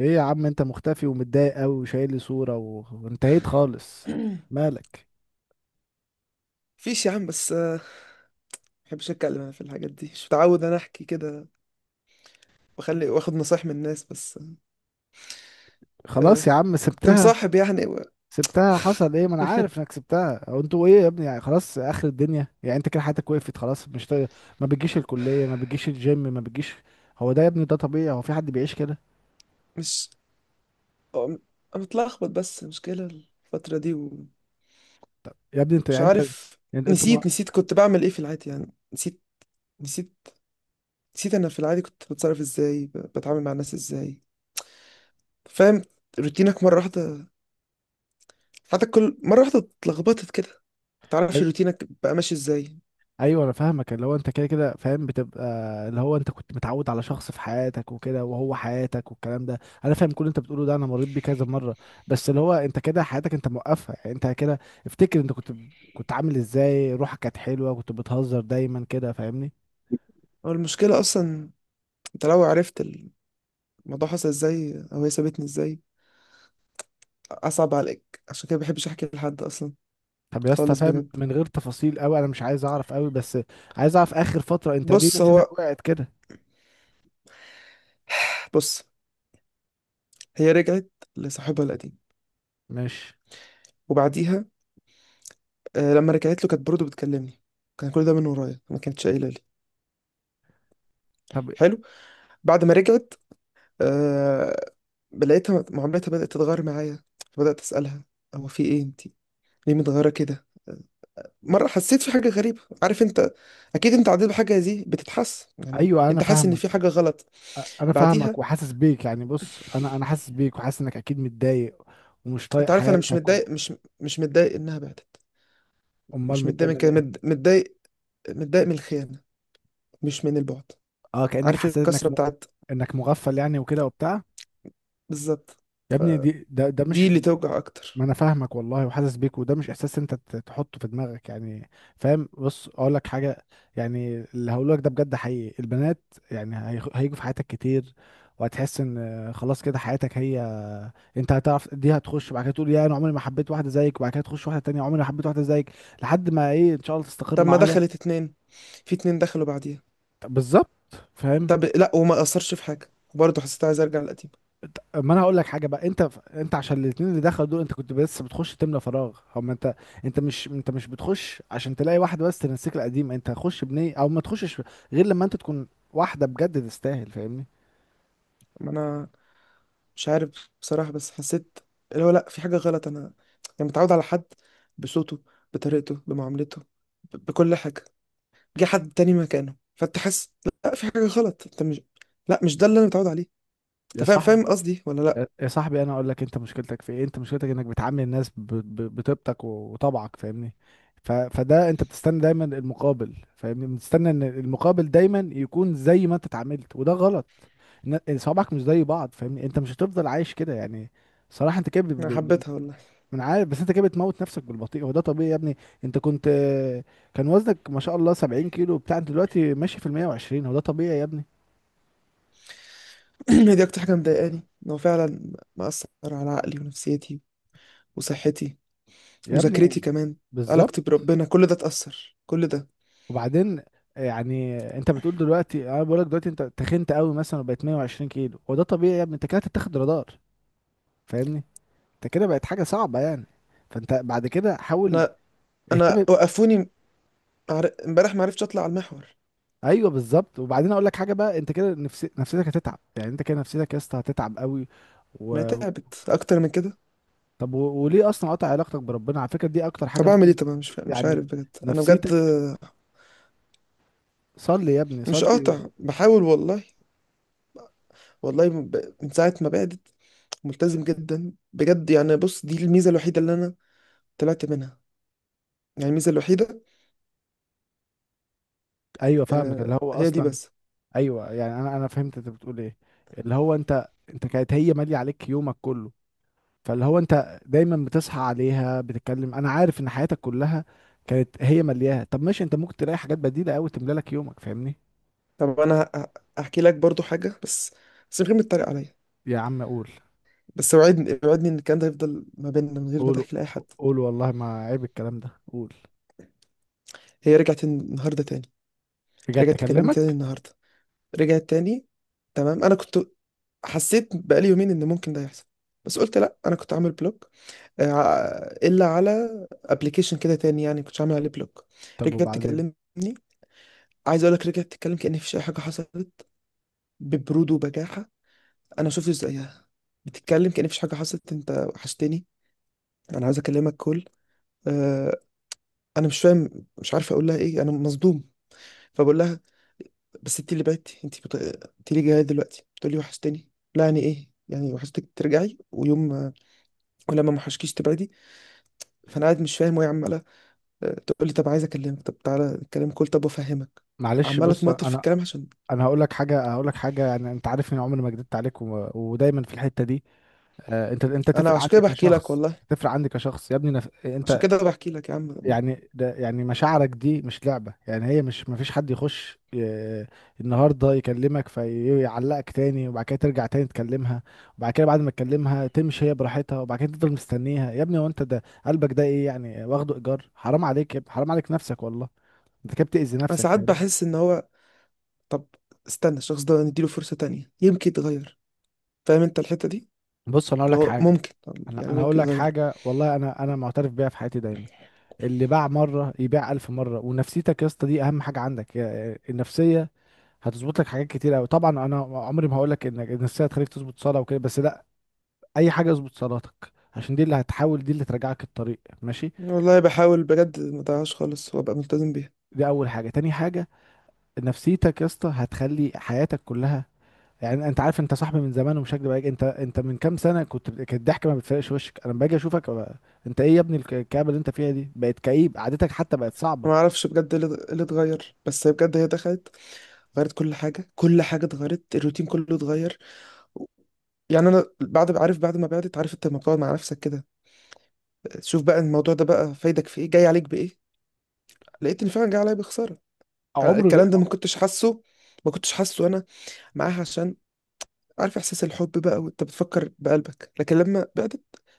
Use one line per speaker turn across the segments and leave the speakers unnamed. ايه يا عم، انت مختفي ومتضايق قوي وشايل لي صورة وانتهيت خالص. مالك؟
فيش يا عم، بس ما بحبش اتكلم انا في الحاجات دي. مش متعود انا احكي كده واخلي واخد نصايح من الناس. بس آه،
خلاص يا عم
كنت
سبتها.
مصاحب يعني
سبتها، حصل ايه؟ ما انا عارف انك سبتها او انتوا ايه يا ابني، يعني خلاص اخر الدنيا؟ يعني انت كده حياتك وقفت خلاص، مش طايق، ما بتجيش الكلية، ما بتجيش الجيم، ما بتجيش. هو ده يا ابني؟ ده طبيعي؟ هو في حد بيعيش كده؟
مش آه، انا متلخبط، بس مشكلة الفترة دي، ومش
يا ابني انت يعني
عارف.
انتوا
نسيت
ما...
نسيت كنت بعمل ايه في العادي، يعني نسيت نسيت نسيت انا في العادي كنت بتصرف ازاي، بتعامل مع الناس ازاي؟ فاهم؟ روتينك مرة واحدة، حياتك كل مرة واحدة اتلخبطت كده، متعرفش روتينك بقى ماشي ازاي.
ايوه انا فاهمك، اللي هو انت كده كده فاهم بتبقى، اللي هو انت كنت متعود على شخص في حياتك وكده وهو حياتك والكلام ده. انا فاهم كل اللي انت بتقوله ده، انا مريت بيه كذا مره. بس اللي هو انت كده حياتك انت موقفها، يعني انت كده. افتكر انت كنت عامل ازاي، روحك كانت حلوه، كنت بتهزر دايما كده، فاهمني؟
هو المشكلة اصلا، انت لو عرفت الموضوع حصل ازاي، او هي سابتني ازاي، اصعب عليك. عشان كده بحبش احكي لحد اصلا،
طب يا اسطى،
خالص
فاهم
بجد.
من غير تفاصيل قوي، انا مش عايز اعرف قوي، بس عايز اعرف اخر فتره انت ليه
بص،
نفسيتك
هو
وقعت كده؟
بص، هي رجعت لصاحبها القديم.
مش
وبعديها آه، لما رجعت له كانت برضه بتكلمني. كان كل ده من ورايا، ما كانتش قايله لي.
طب،
حلو. بعد ما رجعت آه، لقيتها معاملتها بدات تتغير معايا. بدات اسالها هو في ايه؟ انتي ليه متغيره كده؟ مرة حسيت في حاجة غريبة. عارف انت، اكيد انت عديت بحاجة زي دي، بتتحس يعني
ايوه انا
انت حاسس ان
فاهمك،
في حاجة غلط.
انا
بعديها
فاهمك وحاسس بيك. يعني بص انا حاسس بيك وحاسس انك اكيد متضايق ومش طايق
انت عارف انا مش
حياتك
متضايق. مش متضايق انها بعدت.
امال
مش
متضايق
متضايق من
من
كده،
ايه؟
متضايق، متضايق من الخيانه، مش من البعد.
اه، كانك
عارف
حسيت انك
الكسره بتاعت،
انك مغفل يعني وكده وبتاع.
بالظبط.
يا
ف
ابني دي ده ده
دي
مش،
اللي توجع
ما
اكتر.
انا فاهمك والله وحاسس بيك، وده مش احساس انت تحطه في دماغك يعني، فاهم؟ بص اقول لك حاجه، يعني اللي هقوله لك ده بجد حقيقي. البنات يعني هيجوا في حياتك كتير، وهتحس ان خلاص كده حياتك هي. انت هتعرف دي، هتخش بعد كده تقول يا انا عمري ما حبيت واحده زيك، وبعد كده تخش واحده تانية عمري ما حبيت واحده زيك، لحد ما ايه ان شاء الله تستقر
طب
مع
ما
واحده.
دخلت اتنين، في اتنين دخلوا بعديها.
بالظبط، فاهم.
طب لا، وما اثرش في حاجه، وبرضه حسيت عايز ارجع للقديم.
ما انا هقول لك حاجه بقى، انت عشان الاثنين اللي دخلوا دول انت كنت بس بتخش تملى فراغ، هو ما انت، انت مش بتخش عشان تلاقي واحده بس تنسيك القديم، انت هتخش بنيه او ما تخشش غير لما انت تكون واحده بجد تستاهل، فاهمني؟
ما انا مش عارف بصراحه، بس حسيت اللي هو لا، في حاجه غلط. انا يعني متعود على حد، بصوته، بطريقته، بمعاملته، بكل حاجه. جه حد تاني مكانه فتحس لا، في حاجة غلط. انت مش، لا، مش ده اللي انا متعود عليه. انت
يا
فاهم،
صاحبي،
فاهم قصدي ولا لا؟
يا صاحبي، انا اقول لك انت مشكلتك في ايه. انت مشكلتك انك بتعامل الناس بطيبتك وطبعك، فاهمني؟ فده انت بتستنى دايما المقابل، فاهمني؟ بتستنى ان المقابل دايما يكون زي ما انت اتعاملت، وده غلط. صوابعك مش زي بعض، فاهمني؟ انت مش هتفضل عايش كده يعني. صراحة انت كده
انا حبيتها والله.
من عارف. بس انت كده بتموت نفسك بالبطيء. هو ده طبيعي يا ابني؟ انت كنت، كان وزنك ما شاء الله 70 كيلو بتاع، انت دلوقتي ماشي في ال 120، هو ده طبيعي يا ابني؟
هي دي اكتر حاجة مضايقاني، ان هو فعلا مأثر على عقلي ونفسيتي وصحتي،
يا
مذاكرتي
ابني
كمان،
بالظبط.
علاقتي بربنا، كل ده اتأثر، كل ده.
وبعدين يعني انت بتقول دلوقتي، انا بقول لك دلوقتي انت تخنت قوي مثلا وبقت 120 كيلو، هو ده طبيعي يا ابني؟ انت كده هتتاخد رادار، فاهمني؟ انت كده بقت حاجه صعبه يعني. فانت بعد كده حاول
انا انا
اهتم.
وقفوني. امبارح ما عرفتش اطلع على المحور.
ايوه بالظبط. وبعدين اقول لك حاجه بقى، انت كده نفسيتك هتتعب، يعني انت كده نفسيتك يا اسطى هتتعب قوي
ما
و...
تعبت اكتر من كده.
طب وليه اصلا قاطع علاقتك بربنا؟ على فكره دي اكتر حاجه
طب اعمل ايه؟
ممكن،
طب أنا مش عارف
يعني
بجد، انا بجد.
نفسيتك. صلي يا ابني،
مش
صلي.
قاطع، بحاول والله. والله من من ساعة ما بعدت، ملتزم جدا بجد. يعني بص، دي الميزة الوحيدة اللي أنا طلعت منها. يعني الميزة الوحيدة،
ايوه فاهمك، اللي هو
هي دي
اصلا
بس.
ايوه، يعني انا فهمت انت بتقول ايه، اللي هو انت كانت هي ماليه عليك يومك كله، فاللي هو انت دايما بتصحى عليها بتتكلم، انا عارف ان حياتك كلها كانت هي ملياها. طب ماشي، انت ممكن تلاقي حاجات بديله قوي تملى لك يومك، فاهمني؟
طب أنا هحكي لك برضو حاجة، بس من غير ما تتريق عليا.
يا عم قول.
بس وعدني، وعدني إن الكلام ده هيفضل ما بيننا، من غير ما
قول،
تحكي لأي حد.
قول والله ما عيب الكلام ده، قول.
هي رجعت النهاردة تاني.
رجعت
رجعت تكلمني تاني
اكلمك؟
النهاردة. رجعت تاني، تمام. أنا كنت حسيت بقالي يومين إن ممكن ده يحصل. بس قلت لأ، أنا كنت عامل بلوك الا على ابلكيشن كده تاني، يعني كنتش عامل عليه بلوك.
طب
رجعت
وبعدين؟
تكلمني، عايز اقول لك. رجعت تتكلم كأن مفيش اي حاجه حصلت، ببرود وبجاحه. انا شفت زيها بتتكلم كأن مفيش حاجه حصلت. انت وحشتني، انا عايز اكلمك كل آه، انا مش فاهم. مش عارف اقول لها ايه، انا مصدوم. فبقول لها بس انت اللي بعتي، انت انت ليه جايه دلوقتي بتقول لي وحشتني؟ لا، يعني ايه يعني وحشتك ترجعي؟ ويوم ولما ما وحشكيش تبعدي. فانا قاعد مش فاهم، وهي عماله تقول لي طب عايز اكلمك، طب تعالى نتكلم، كل طب افهمك.
معلش
عمال
بص،
اتمطل في
انا
الكلام عشان.
انا هقول لك حاجه، هقول لك حاجه، يعني انت عارف اني عمري ما كدبت عليك ودايما في الحته دي، انت
انا
تفرق
عشان
عندك
كده بحكي لك
كشخص،
والله،
تفرق عندي كشخص يا ابني.
عشان
انت
كده بحكي لك يا عم.
يعني ده، يعني مشاعرك دي مش لعبة، يعني هي مش مفيش حد يخش النهاردة يكلمك فيعلقك تاني، وبعد كده ترجع تاني تكلمها، وبعد كده بعد ما تكلمها تمشي هي براحتها، وبعد كده تفضل مستنيها. يا ابني هو انت ده قلبك ده ايه يعني؟ واخده ايجار؟ حرام عليك يا ابني، حرام عليك نفسك والله. انت كده بتأذي
انا
نفسك،
ساعات
فاهم؟
بحس ان هو، طب استنى الشخص ده، نديله فرصة تانية يمكن يتغير. فاهم انت الحتة دي،
بص انا اقول
اللي
لك
هو
حاجة،
ممكن، طب
انا
يعني
انا هقول
ممكن
لك
يتغير.
حاجة والله، انا معترف بيها في حياتي دايما، اللي باع مرة يبيع ألف مرة. ونفسيتك يا اسطى دي أهم حاجة عندك يا- النفسية هتظبط لك حاجات كتير قوي. طبعا انا عمري ما هقول لك انك ان السنه تخليك تظبط صلاه وكده، بس لا، اي حاجه اظبط صلاتك عشان دي اللي هتحاول، دي اللي ترجعك الطريق ماشي.
والله بحاول بجد، ما ضيعهاش خالص، وابقى ملتزم بيها.
دي اول حاجه. تاني حاجه، نفسيتك يا اسطى هتخلي حياتك كلها، يعني انت عارف انت صاحبي من زمان ومش هكدب عليك، انت انت من كام سنه كنت، كانت الضحك ما بتفرقش وشك، انا لما باجي اشوفك بقى انت ايه يا ابني؟ الكآبه اللي انت فيها دي بقت كئيب، قعدتك حتى بقت صعبه.
أنا ما اعرفش بجد إيه اللي اتغير، بس هي بجد هي دخلت غيرت كل حاجه، كل حاجه اتغيرت، الروتين كله اتغير يعني. انا بعد عارف، بعد ما بعدت، عارف انت لما بتقعد مع نفسك كده، شوف بقى الموضوع ده بقى فايدك في ايه، جاي عليك بايه. لقيت ان فعلا جاي عليا بخساره. أنا
عمر،
الكلام ده ما كنتش حاسه. ما كنتش حاسه انا معاها، عشان عارف احساس الحب بقى وانت بتفكر بقلبك. لكن لما بدات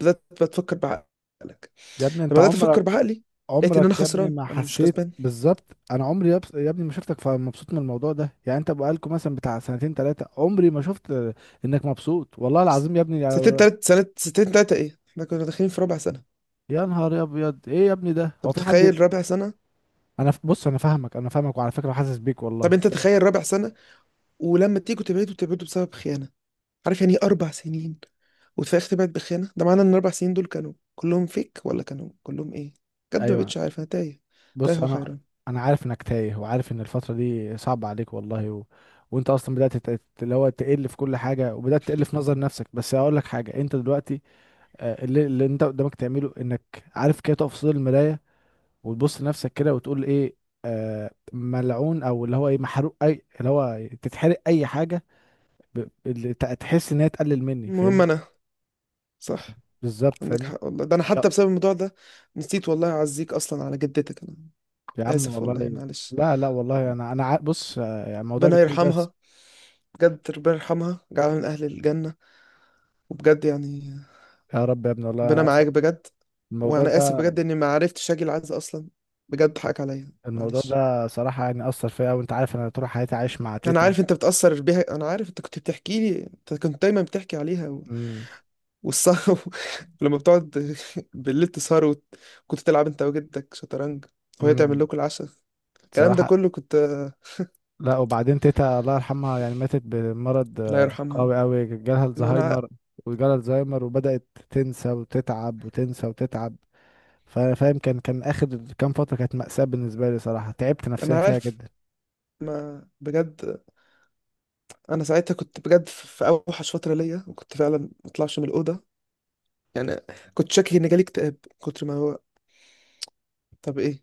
بدات بتفكر بعقلك،
يا ابني انت
لما بدات افكر
عمرك،
بعقلي، لقيت ان انا
عمرك يا ابني
خسران،
ما
انا مش
حسيت
كسبان.
بالظبط، انا عمري يا ابني ما شفتك مبسوط من الموضوع ده. يعني انت بقالكوا مثلا بتاع سنتين ثلاثه، عمري ما شفت انك مبسوط والله العظيم يا ابني،
سنتين، تلات سنة، سنتين تلاتة ايه، احنا كنا داخلين في رابع سنة.
يا نهار ابيض، ايه يا ابني ده،
طب
هو في حد،
تخيل رابع سنة.
بص انا فاهمك، انا فاهمك وعلى فكره حاسس بيك والله.
طب انت تخيل رابع سنة، ولما تيجوا تبعدوا تبعدوا بسبب خيانة. عارف يعني ايه اربع سنين، وتفاجئ طلعت بخيانه؟ ده معنى ان الاربع سنين دول كانوا كلهم فيك ولا كانوا كلهم ايه. بجد ما
ايوه
بقتش عارف، انا تايه، تايه
بص انا،
وحيران.
انا عارف انك تايه وعارف ان الفتره دي صعبه عليك والله وانت اصلا بدات اللي هو تقل في كل حاجه وبدات تقل في نظر نفسك. بس هقول لك حاجه، انت دلوقتي اللي انت قدامك تعمله انك عارف كده تقف في صدر المرايه وتبص لنفسك كده وتقول ايه، آه ملعون او اللي هو ايه محروق، اي اللي هو تتحرق اي حاجه، اللي تحس ان هي تقلل مني،
المهم
فاهمني؟
انا، صح،
بالظبط،
عندك
فاهمني.
حق والله. ده انا
يا
حتى بسبب الموضوع ده نسيت والله اعزيك اصلا على جدتك. انا
يا عم
اسف والله،
والله،
معلش.
لا لا والله، انا بص، يعني موضوع
ربنا
الجيم ده
يرحمها، بجد ربنا يرحمها، جعلها من اهل الجنه. وبجد يعني،
يا رب يا ابني والله.
ربنا
انا اصلا
معاك بجد.
الموضوع
وانا اسف
ده،
بجد اني ما عرفتش اجي العز اصلا. بجد حقك عليا،
الموضوع
معلش.
ده صراحه يعني اثر فيا، وانت عارف انا طول حياتي عايش مع
انا
تيتا.
عارف انت بتأثر بيها، انا عارف انت كنت بتحكي لي، انت كنت دايما بتحكي عليها، و...
امم
والسهر ولما بتقعد بالليل تسهر، وت... كنت تلعب انت وجدك شطرنج، وهي تعمل
امم
لكم العشاء. الكلام ده
صراحه
كله كنت
لا، وبعدين تيتا الله يرحمها يعني ماتت بمرض
الله يرحمها.
قوي قوي، جالها
ما انا
الزهايمر، وجالها الزهايمر وبدأت تنسى وتتعب وتنسى وتتعب، فاهم، كان كان آخر كام فترة كانت مأساة بالنسبة لي صراحة، تعبت نفسيا
انا
فيها
عارف.
جدا.
ما بجد انا ساعتها كنت بجد في في اوحش فترة ليا، وكنت فعلا ما اطلعش من الأوضة يعني. كنت شاكك ان جالي اكتئاب، من كتر ما هو طب ايه.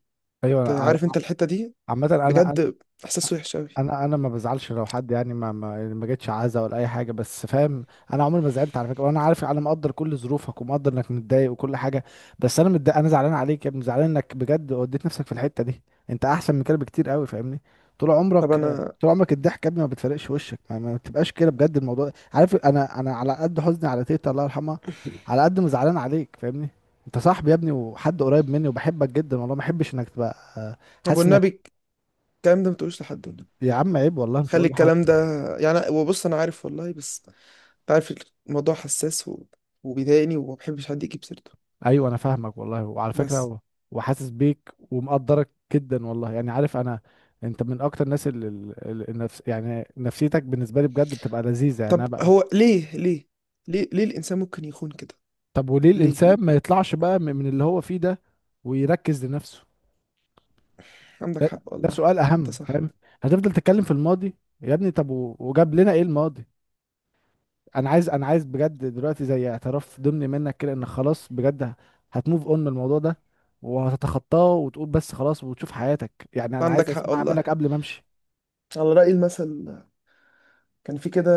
انت
أيوة
عارف انت الحتة دي،
عامة أنا،
بجد احساس وحش قوي.
انا ما بزعلش لو حد يعني ما ما, يعني ما جتش عزا ولا اي حاجه، بس فاهم. انا عمري ما زعلت على فكره، وانا عارف، انا مقدر كل ظروفك ومقدر انك متضايق وكل حاجه. بس انا متضايق، انا زعلان عليك يا ابني، زعلان انك بجد وديت نفسك في الحته دي. انت احسن من كده بكتير قوي، فاهمني؟ طول
طب
عمرك،
انا
طول عمرك الضحك يا ابني ما بتفرقش وشك، ما بتبقاش كده بجد الموضوع. عارف انا، انا على قد حزني على تيتا الله يرحمها، على قد ما زعلان عليك، فاهمني؟ انت صاحبي يا ابني، وحد قريب مني وبحبك جدا والله، ما احبش انك تبقى
طب
حاسس انك.
والنبي، الكلام ده ما تقولوش لحد والله.
يا عم عيب والله، مش
خلي
هقول لحد.
الكلام ده يعني، وبص انا عارف والله، بس انت عارف الموضوع حساس، و... وبيضايقني، وما بحبش حد يجيب سيرته
ايوه انا فاهمك والله وعلى فكره
بس.
وحاسس بيك ومقدرك جدا والله. يعني عارف انا، انت من اكتر الناس النفس يعني نفسيتك بالنسبه لي بجد بتبقى لذيذه يعني، انا
طب
بقى.
هو ليه ليه، ليه ليه الانسان ممكن يخون كده؟
طب وليه
ليه
الانسان
ليه؟
ما يطلعش بقى من اللي هو فيه ده ويركز لنفسه؟
عندك حق
ده
والله،
سؤال
انت
اهم،
صح.
فاهم؟ هتفضل تتكلم في الماضي يا ابني؟ طب وجاب لنا ايه الماضي؟ انا عايز، انا عايز بجد دلوقتي زي اعتراف ضمني منك كده ان خلاص بجد هتموف اون من الموضوع ده وهتتخطاه وتقول بس خلاص وتشوف حياتك، يعني انا عايز
عندك حق
اسمعها منك
والله،
قبل ما امشي.
على رأي المثل. كان في كده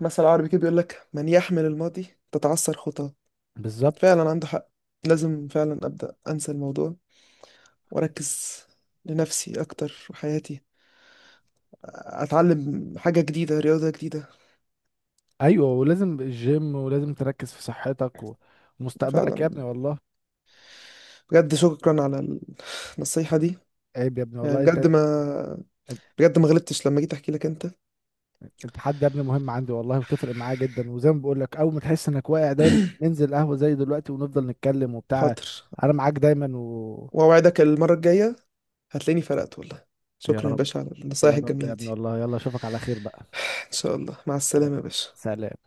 مثل عربي كده بيقول لك، من يحمل الماضي تتعثر خطاه.
بالظبط.
فعلا عنده حق. لازم فعلا أبدأ أنسى الموضوع، وأركز لنفسي أكتر، وحياتي اتعلم حاجة جديدة، رياضة جديدة.
ايوه، ولازم الجيم ولازم تركز في صحتك ومستقبلك
فعلا.
يا ابني والله.
بجد شكرا على النصيحة دي.
عيب يا ابني
يعني
والله، انت
بجد ما غلطتش لما جيت احكي لك انت.
انت حد يا ابني مهم عندي والله، وتفرق معايا جدا، وزي ما بقول لك، اول ما تحس انك واقع دايما ننزل قهوة زي دلوقتي ونفضل نتكلم وبتاع.
حاضر.
انا معاك دايما و
واوعدك المرة الجاية هتلاقيني فرقت والله.
يا
شكرا يا
رب،
باشا على
يا
النصايح
رب
الجميلة
يا ابني
دي.
والله، يلا اشوفك على خير بقى.
ان شاء الله، مع السلامة يا باشا.
سلام.